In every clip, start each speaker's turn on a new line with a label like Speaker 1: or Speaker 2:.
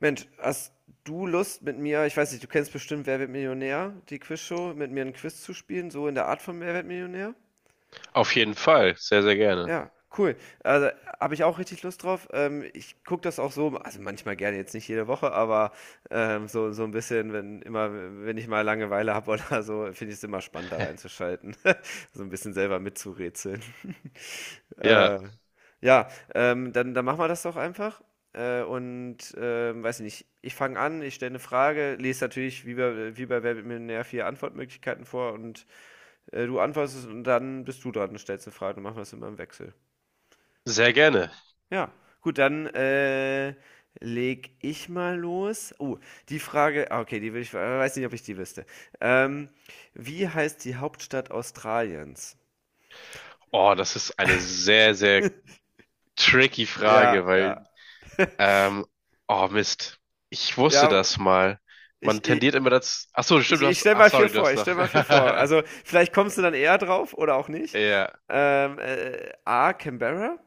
Speaker 1: Mensch, hast du Lust mit mir, ich weiß nicht, du kennst bestimmt Wer wird Millionär, die Quizshow, mit mir ein Quiz zu spielen, so in der Art von Wer wird Millionär?
Speaker 2: Auf jeden Fall, sehr, sehr gerne.
Speaker 1: Ja, cool. Also habe ich auch richtig Lust drauf. Ich gucke das auch so, also manchmal gerne, jetzt nicht jede Woche, aber so, ein bisschen, wenn immer, wenn ich mal Langeweile habe oder so, finde ich es immer spannend, da reinzuschalten. So ein bisschen selber mitzurätseln.
Speaker 2: Ja,
Speaker 1: Äh, ja, dann machen wir das doch einfach. Und weiß ich nicht, ich fange an, ich stelle eine Frage, lese natürlich wie bei Wer wird Millionär vier Antwortmöglichkeiten vor, und du antwortest und dann bist du dran und stellst eine Frage. Und machen wir das immer im Wechsel.
Speaker 2: sehr gerne.
Speaker 1: Ja, gut, dann leg ich mal los. Oh, die Frage, ah, okay, die will ich, weiß nicht, ob ich die wüsste. Ähm, Wie heißt die Hauptstadt Australiens?
Speaker 2: Oh, das ist eine sehr, sehr tricky Frage,
Speaker 1: Ja, ja.
Speaker 2: weil, ähm, oh Mist, ich wusste
Speaker 1: Ja,
Speaker 2: das mal. Man
Speaker 1: ich, ich,
Speaker 2: tendiert immer dazu. Ach so,
Speaker 1: Ich,
Speaker 2: stimmt, du
Speaker 1: ich
Speaker 2: hast.
Speaker 1: stelle
Speaker 2: Ach,
Speaker 1: mal vier
Speaker 2: sorry, du
Speaker 1: vor,
Speaker 2: hast
Speaker 1: ich stell
Speaker 2: nach.
Speaker 1: mal vier vor. Also, vielleicht kommst du dann eher drauf oder auch nicht.
Speaker 2: Ja,
Speaker 1: A. Canberra,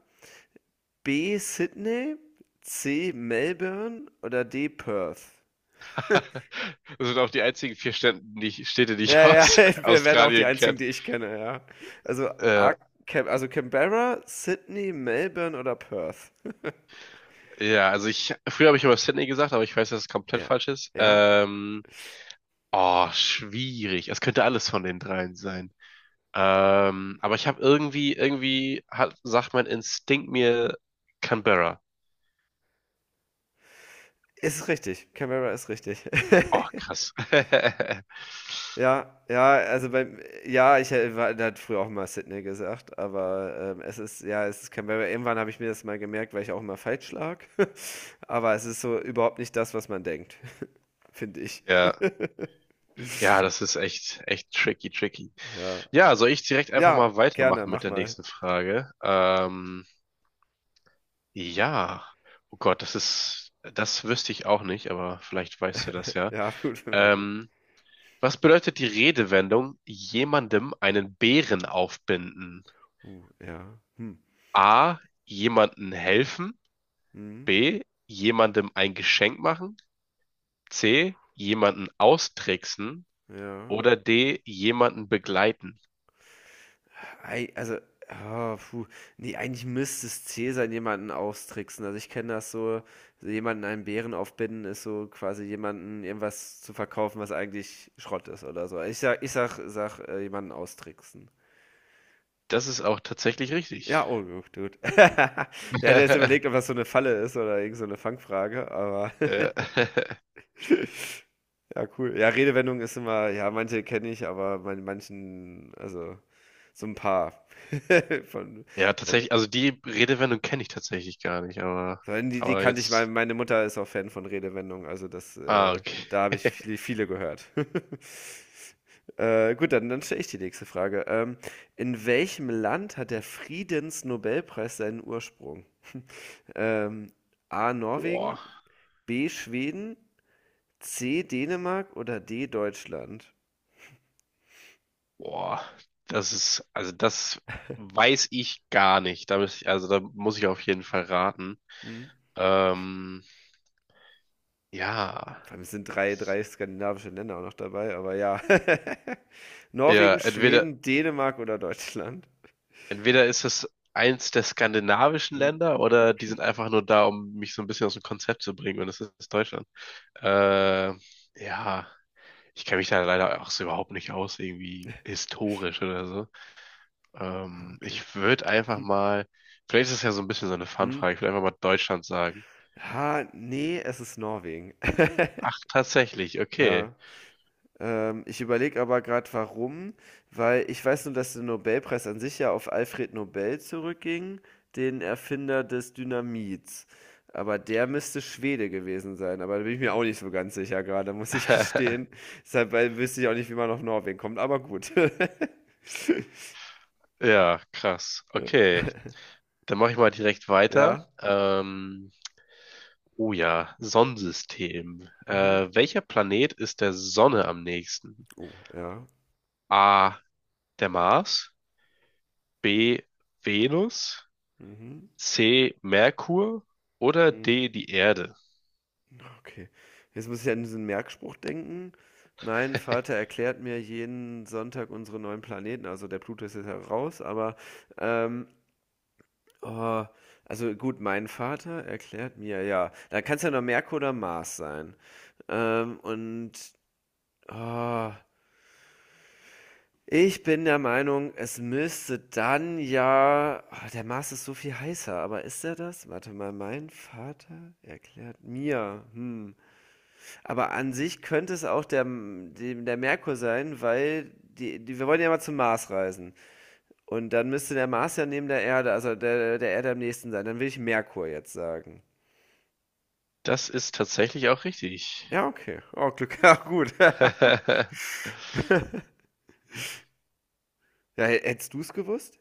Speaker 1: B. Sydney, C. Melbourne oder D. Perth.
Speaker 2: das sind auch die einzigen vier Städte, Städte, die ich
Speaker 1: Ja, ja,
Speaker 2: aus
Speaker 1: wir wären auch die
Speaker 2: Australien
Speaker 1: einzigen,
Speaker 2: kenne.
Speaker 1: die ich kenne, ja. Also,
Speaker 2: Äh,
Speaker 1: A, Cam also Canberra, Sydney, Melbourne oder Perth.
Speaker 2: ja, also früher habe ich immer Sydney gesagt, aber ich weiß, dass es komplett
Speaker 1: Ja,
Speaker 2: falsch ist.
Speaker 1: ja,
Speaker 2: Oh, schwierig. Es könnte alles von den dreien sein. Aber ich habe sagt mein Instinkt mir Canberra.
Speaker 1: ist richtig. Canberra ist richtig.
Speaker 2: Oh, krass.
Speaker 1: Ja, ja, also beim ja, ich hä- war da hat früher auch mal Sydney gesagt, aber, es ist ja, es ist Canberra. Irgendwann habe ich mir das mal gemerkt, weil ich auch immer falsch lag. Aber es ist so überhaupt nicht das, was man denkt, finde ich.
Speaker 2: Ja. Ja, das ist echt, echt tricky, tricky.
Speaker 1: Ja.
Speaker 2: Ja, soll ich direkt einfach
Speaker 1: Ja,
Speaker 2: mal
Speaker 1: gerne,
Speaker 2: weitermachen mit
Speaker 1: mach
Speaker 2: der
Speaker 1: mal.
Speaker 2: nächsten Frage? Ja. Oh Gott, das ist, das wüsste ich auch nicht, aber vielleicht weißt du das ja.
Speaker 1: Ja, gut, mal gucken.
Speaker 2: Ähm, was bedeutet die Redewendung, jemandem einen Bären aufbinden?
Speaker 1: Ja. Hm.
Speaker 2: A, jemanden helfen.
Speaker 1: Mhm.
Speaker 2: B. Jemandem ein Geschenk machen. C. Jemanden austricksen.
Speaker 1: Ja.
Speaker 2: Oder D. Jemanden begleiten.
Speaker 1: Ei also, ah, puh. Ne, eigentlich müsste es zäh sein, jemanden austricksen. Also, ich kenne das so, so jemanden einen Bären aufbinden ist so quasi jemanden irgendwas zu verkaufen, was eigentlich Schrott ist oder so. Ich sag, jemanden austricksen.
Speaker 2: Das ist auch tatsächlich richtig.
Speaker 1: Ja, oh gut, gut. Ja, ich hätte jetzt überlegt, ob das so eine Falle ist oder irgend so eine Fangfrage, aber
Speaker 2: Äh,
Speaker 1: ja, cool. Ja, Redewendung ist immer ja, manche kenne ich, aber bei manchen also, so ein paar von
Speaker 2: Ja, tatsächlich. Also die Redewendung kenne ich tatsächlich gar nicht,
Speaker 1: Die, die
Speaker 2: aber
Speaker 1: kannte ich mal.
Speaker 2: jetzt.
Speaker 1: Meine Mutter ist auch Fan von Redewendungen, also
Speaker 2: Ah, okay.
Speaker 1: da habe ich viele, viele gehört. Gut, dann stelle ich die nächste Frage. In welchem Land hat der Friedensnobelpreis seinen Ursprung? Ähm, A. Norwegen,
Speaker 2: Boah,
Speaker 1: B. Schweden, C. Dänemark oder D. Deutschland?
Speaker 2: boah. Das ist, also das weiß ich gar nicht. Da muss ich, also da muss ich auf jeden Fall raten.
Speaker 1: Hm?
Speaker 2: Ähm, ja.
Speaker 1: Vor allem es sind drei skandinavische Länder auch noch dabei, aber ja.
Speaker 2: Ja,
Speaker 1: Norwegen,
Speaker 2: entweder.
Speaker 1: Schweden, Dänemark oder Deutschland?
Speaker 2: Entweder ist es eins der skandinavischen
Speaker 1: Hm?
Speaker 2: Länder oder die sind einfach nur da, um mich so ein bisschen aus dem Konzept zu bringen und es ist Deutschland. Äh, ja, ich kenne mich da leider auch so überhaupt nicht aus, irgendwie historisch oder so.
Speaker 1: Ah, okay.
Speaker 2: Ich würde einfach mal, vielleicht ist es ja so ein bisschen so eine
Speaker 1: Hm?
Speaker 2: Fun-Frage, ich würde einfach mal Deutschland sagen.
Speaker 1: Ha, nee, es ist Norwegen.
Speaker 2: Ach, tatsächlich, okay.
Speaker 1: Ja. Ich überlege aber gerade, warum, weil ich weiß nur, dass der Nobelpreis an sich ja auf Alfred Nobel zurückging, den Erfinder des Dynamits. Aber der müsste Schwede gewesen sein. Aber da bin ich mir auch nicht so ganz sicher gerade, muss ich gestehen. Deshalb, weil wüsste ich auch nicht, wie man auf Norwegen kommt, aber gut.
Speaker 2: Ja, krass.
Speaker 1: Ja.
Speaker 2: Okay, dann mache ich mal direkt weiter.
Speaker 1: Ja.
Speaker 2: Oh ja, Sonnensystem.
Speaker 1: Mhm.
Speaker 2: Welcher Planet ist der Sonne am nächsten?
Speaker 1: Oh, ja.
Speaker 2: A. Der Mars, B. Venus,
Speaker 1: Mhm.
Speaker 2: C. Merkur oder
Speaker 1: Mhm.
Speaker 2: D. Die Erde.
Speaker 1: Okay. Jetzt muss ich an diesen Merkspruch denken. Mein Vater erklärt mir jeden Sonntag unsere neuen Planeten. Also der Pluto ist jetzt ja raus, aber ähm, oh, also gut, mein Vater erklärt mir, ja. Da kann es ja nur Merkur oder Mars sein. Und oh, ich bin der Meinung, es müsste dann ja. Ah, der Mars ist so viel heißer, aber ist er das? Warte mal, mein Vater erklärt mir. Hm. Aber an sich könnte es auch der Merkur sein, weil wir wollen ja mal zum Mars reisen. Und dann müsste der Mars ja neben der Erde, also der Erde am nächsten sein. Dann will ich Merkur jetzt sagen.
Speaker 2: Das ist tatsächlich auch richtig.
Speaker 1: Ja, okay. Oh, Glück. Ja, gut. Ja, hättest du es gewusst?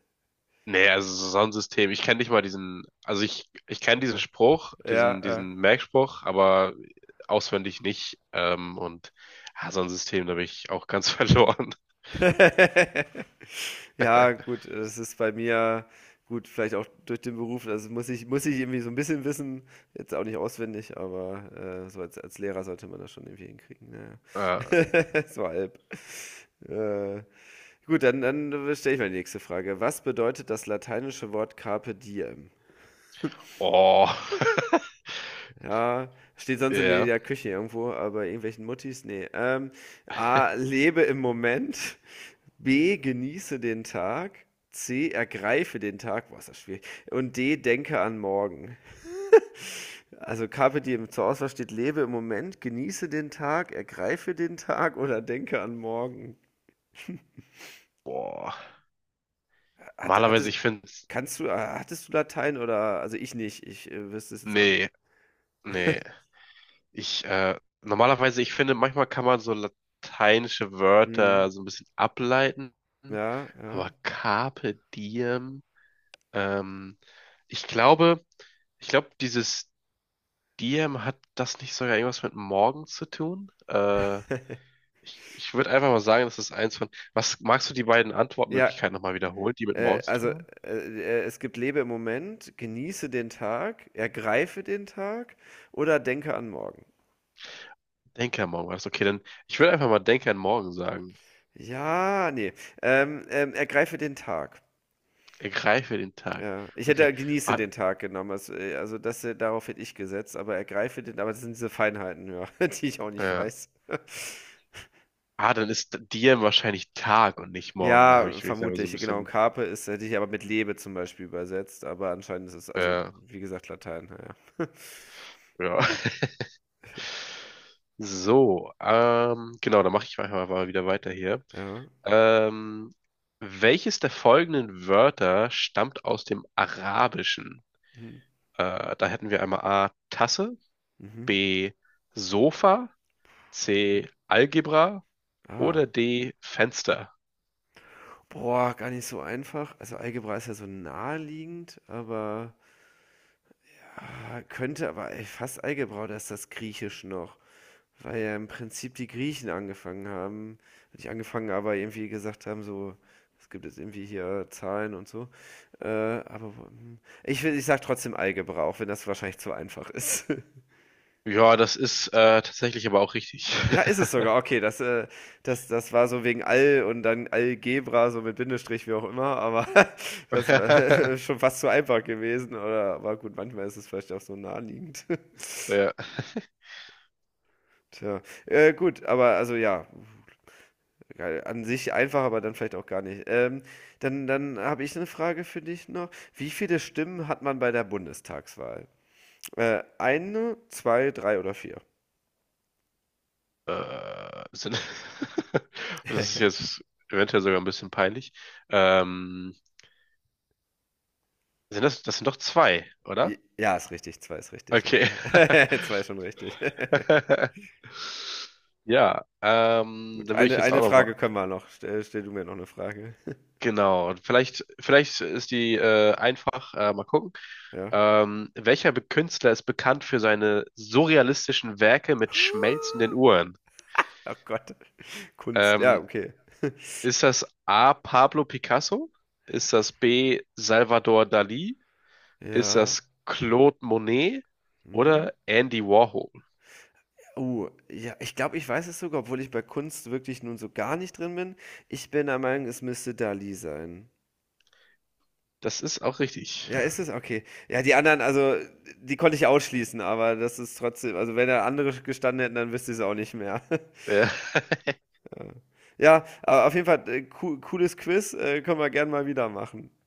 Speaker 2: Nee, also so Sonnensystem. Ich kenne nicht mal diesen, also ich kenne diesen
Speaker 1: Achso.
Speaker 2: Spruch,
Speaker 1: Ja, äh.
Speaker 2: diesen Merkspruch, aber auswendig nicht. Und ja, Sonnensystem, da bin ich auch ganz verloren.
Speaker 1: Ja, gut, das ist bei mir gut, vielleicht auch durch den Beruf. Also muss ich irgendwie so ein bisschen wissen. Jetzt auch nicht auswendig, aber so als Lehrer sollte man das schon irgendwie hinkriegen. Ja.
Speaker 2: Äh,
Speaker 1: So halb. Äh, gut, dann stelle ich mal die nächste Frage. Was bedeutet das lateinische Wort Carpe diem?
Speaker 2: oh.
Speaker 1: Ja, steht sonst in
Speaker 2: Ja.
Speaker 1: der Küche irgendwo, aber irgendwelchen Muttis, nee. A, lebe im Moment. B, genieße den Tag. C, ergreife den Tag. Boah, ist das schwierig. Und D, denke an morgen. Also Carpe Diem, zur Auswahl steht, lebe im Moment, genieße den Tag, ergreife den Tag oder denke an morgen.
Speaker 2: Boah.
Speaker 1: Hat, hat
Speaker 2: Normalerweise,
Speaker 1: es,
Speaker 2: ich finde es.
Speaker 1: Hattest du Latein oder, also ich nicht, ich wüsste es jetzt auch nicht.
Speaker 2: Nee, nee. Normalerweise, ich finde, manchmal kann man so lateinische
Speaker 1: Mhm.
Speaker 2: Wörter so ein bisschen ableiten.
Speaker 1: Ja, ja.
Speaker 2: Aber Carpe Diem, ähm, ich glaube, ich glaube, dieses Diem hat das nicht sogar irgendwas mit morgen zu tun? Ich würde einfach mal sagen, das ist eins von. Was magst du die beiden
Speaker 1: Ja,
Speaker 2: Antwortmöglichkeiten nochmal wiederholen, die mit morgen
Speaker 1: Äh,
Speaker 2: zu
Speaker 1: also,
Speaker 2: tun
Speaker 1: äh,
Speaker 2: haben?
Speaker 1: es gibt lebe im Moment, genieße den Tag, ergreife den Tag oder denke an morgen.
Speaker 2: Denke an morgen war das. Okay, dann ich würde einfach mal Denke an morgen sagen.
Speaker 1: Ja, ne, ergreife den Tag.
Speaker 2: Ergreife den Tag.
Speaker 1: Ja, ich hätte ja
Speaker 2: Okay.
Speaker 1: genieße
Speaker 2: Ah,
Speaker 1: den Tag genommen. Also, darauf hätte ich gesetzt, aber ergreife den, aber das sind diese Feinheiten, ja, die ich auch nicht
Speaker 2: äh,
Speaker 1: weiß.
Speaker 2: dann ist dir wahrscheinlich Tag und nicht morgen. Da habe
Speaker 1: Ja,
Speaker 2: ich mich da so
Speaker 1: vermutlich,
Speaker 2: ein
Speaker 1: genau. Und
Speaker 2: bisschen.
Speaker 1: Carpe ist, hätte ich aber mit Lebe zum Beispiel übersetzt, aber anscheinend ist es, also
Speaker 2: Äh,
Speaker 1: wie gesagt, Latein, ja.
Speaker 2: ja. So, genau, dann mache ich einfach mal wieder weiter hier.
Speaker 1: Ja.
Speaker 2: Ähm, welches der folgenden Wörter stammt aus dem Arabischen?
Speaker 1: Mhm.
Speaker 2: Da hätten wir einmal A, Tasse,
Speaker 1: Mhm.
Speaker 2: B, Sofa,
Speaker 1: Mhm.
Speaker 2: C, Algebra
Speaker 1: Ah,
Speaker 2: oder D, Fenster.
Speaker 1: boah, gar nicht so einfach. Also Algebra ist ja so naheliegend, aber ja, könnte aber ey, fast Algebra, da ist das Griechisch noch. Weil ja im Prinzip die Griechen angefangen haben. Nicht angefangen, aber irgendwie gesagt haben, so, es gibt jetzt irgendwie hier Zahlen und so. Aber hm, ich sag trotzdem Algebra, auch wenn das wahrscheinlich zu einfach ist.
Speaker 2: Ja, das ist tatsächlich aber auch richtig.
Speaker 1: Ja, ist es sogar. Okay, das war so wegen Al und dann Algebra, so mit Bindestrich, wie auch immer, aber das war schon fast zu einfach gewesen, oder? Aber gut, manchmal ist es vielleicht auch so naheliegend.
Speaker 2: Ja.
Speaker 1: Tja, gut, aber also ja, geil. An sich einfach, aber dann vielleicht auch gar nicht. Dann habe ich eine Frage für dich noch. Wie viele Stimmen hat man bei der Bundestagswahl? Eine, zwei, drei oder vier?
Speaker 2: Äh, sind, das ist jetzt eventuell sogar ein bisschen peinlich. Ähm, das sind doch zwei, oder?
Speaker 1: Ja, ist richtig, zwei ist richtig.
Speaker 2: Okay.
Speaker 1: Ja, zwei ist schon richtig.
Speaker 2: Ja,
Speaker 1: Gut,
Speaker 2: dann würde ich jetzt auch
Speaker 1: eine
Speaker 2: noch mal.
Speaker 1: Frage können wir noch. Stell du mir noch eine Frage.
Speaker 2: Genau. Vielleicht, vielleicht ist die einfach. Mal gucken.
Speaker 1: Ja.
Speaker 2: Welcher Künstler ist bekannt für seine surrealistischen Werke mit schmelzenden
Speaker 1: Oh
Speaker 2: Uhren?
Speaker 1: Gott. Kunst. Ja,
Speaker 2: Ähm,
Speaker 1: okay.
Speaker 2: Ist das A. Pablo Picasso? Ist das B. Salvador Dali? Ist
Speaker 1: Ja.
Speaker 2: das Claude Monet
Speaker 1: Mhm.
Speaker 2: oder Andy Warhol?
Speaker 1: Oh, ja, ich glaube, ich weiß es sogar, obwohl ich bei Kunst wirklich nun so gar nicht drin bin. Ich bin der Meinung, es müsste Dali sein.
Speaker 2: Das ist auch richtig.
Speaker 1: Ja, ist es? Okay. Ja, die anderen, also, die konnte ich ausschließen, aber das ist trotzdem, also, wenn da andere gestanden hätten, dann wüsste ich es auch nicht mehr.
Speaker 2: Ja.
Speaker 1: Ja, Ja, aber auf jeden Fall, cooles Quiz, können wir gern mal wieder machen.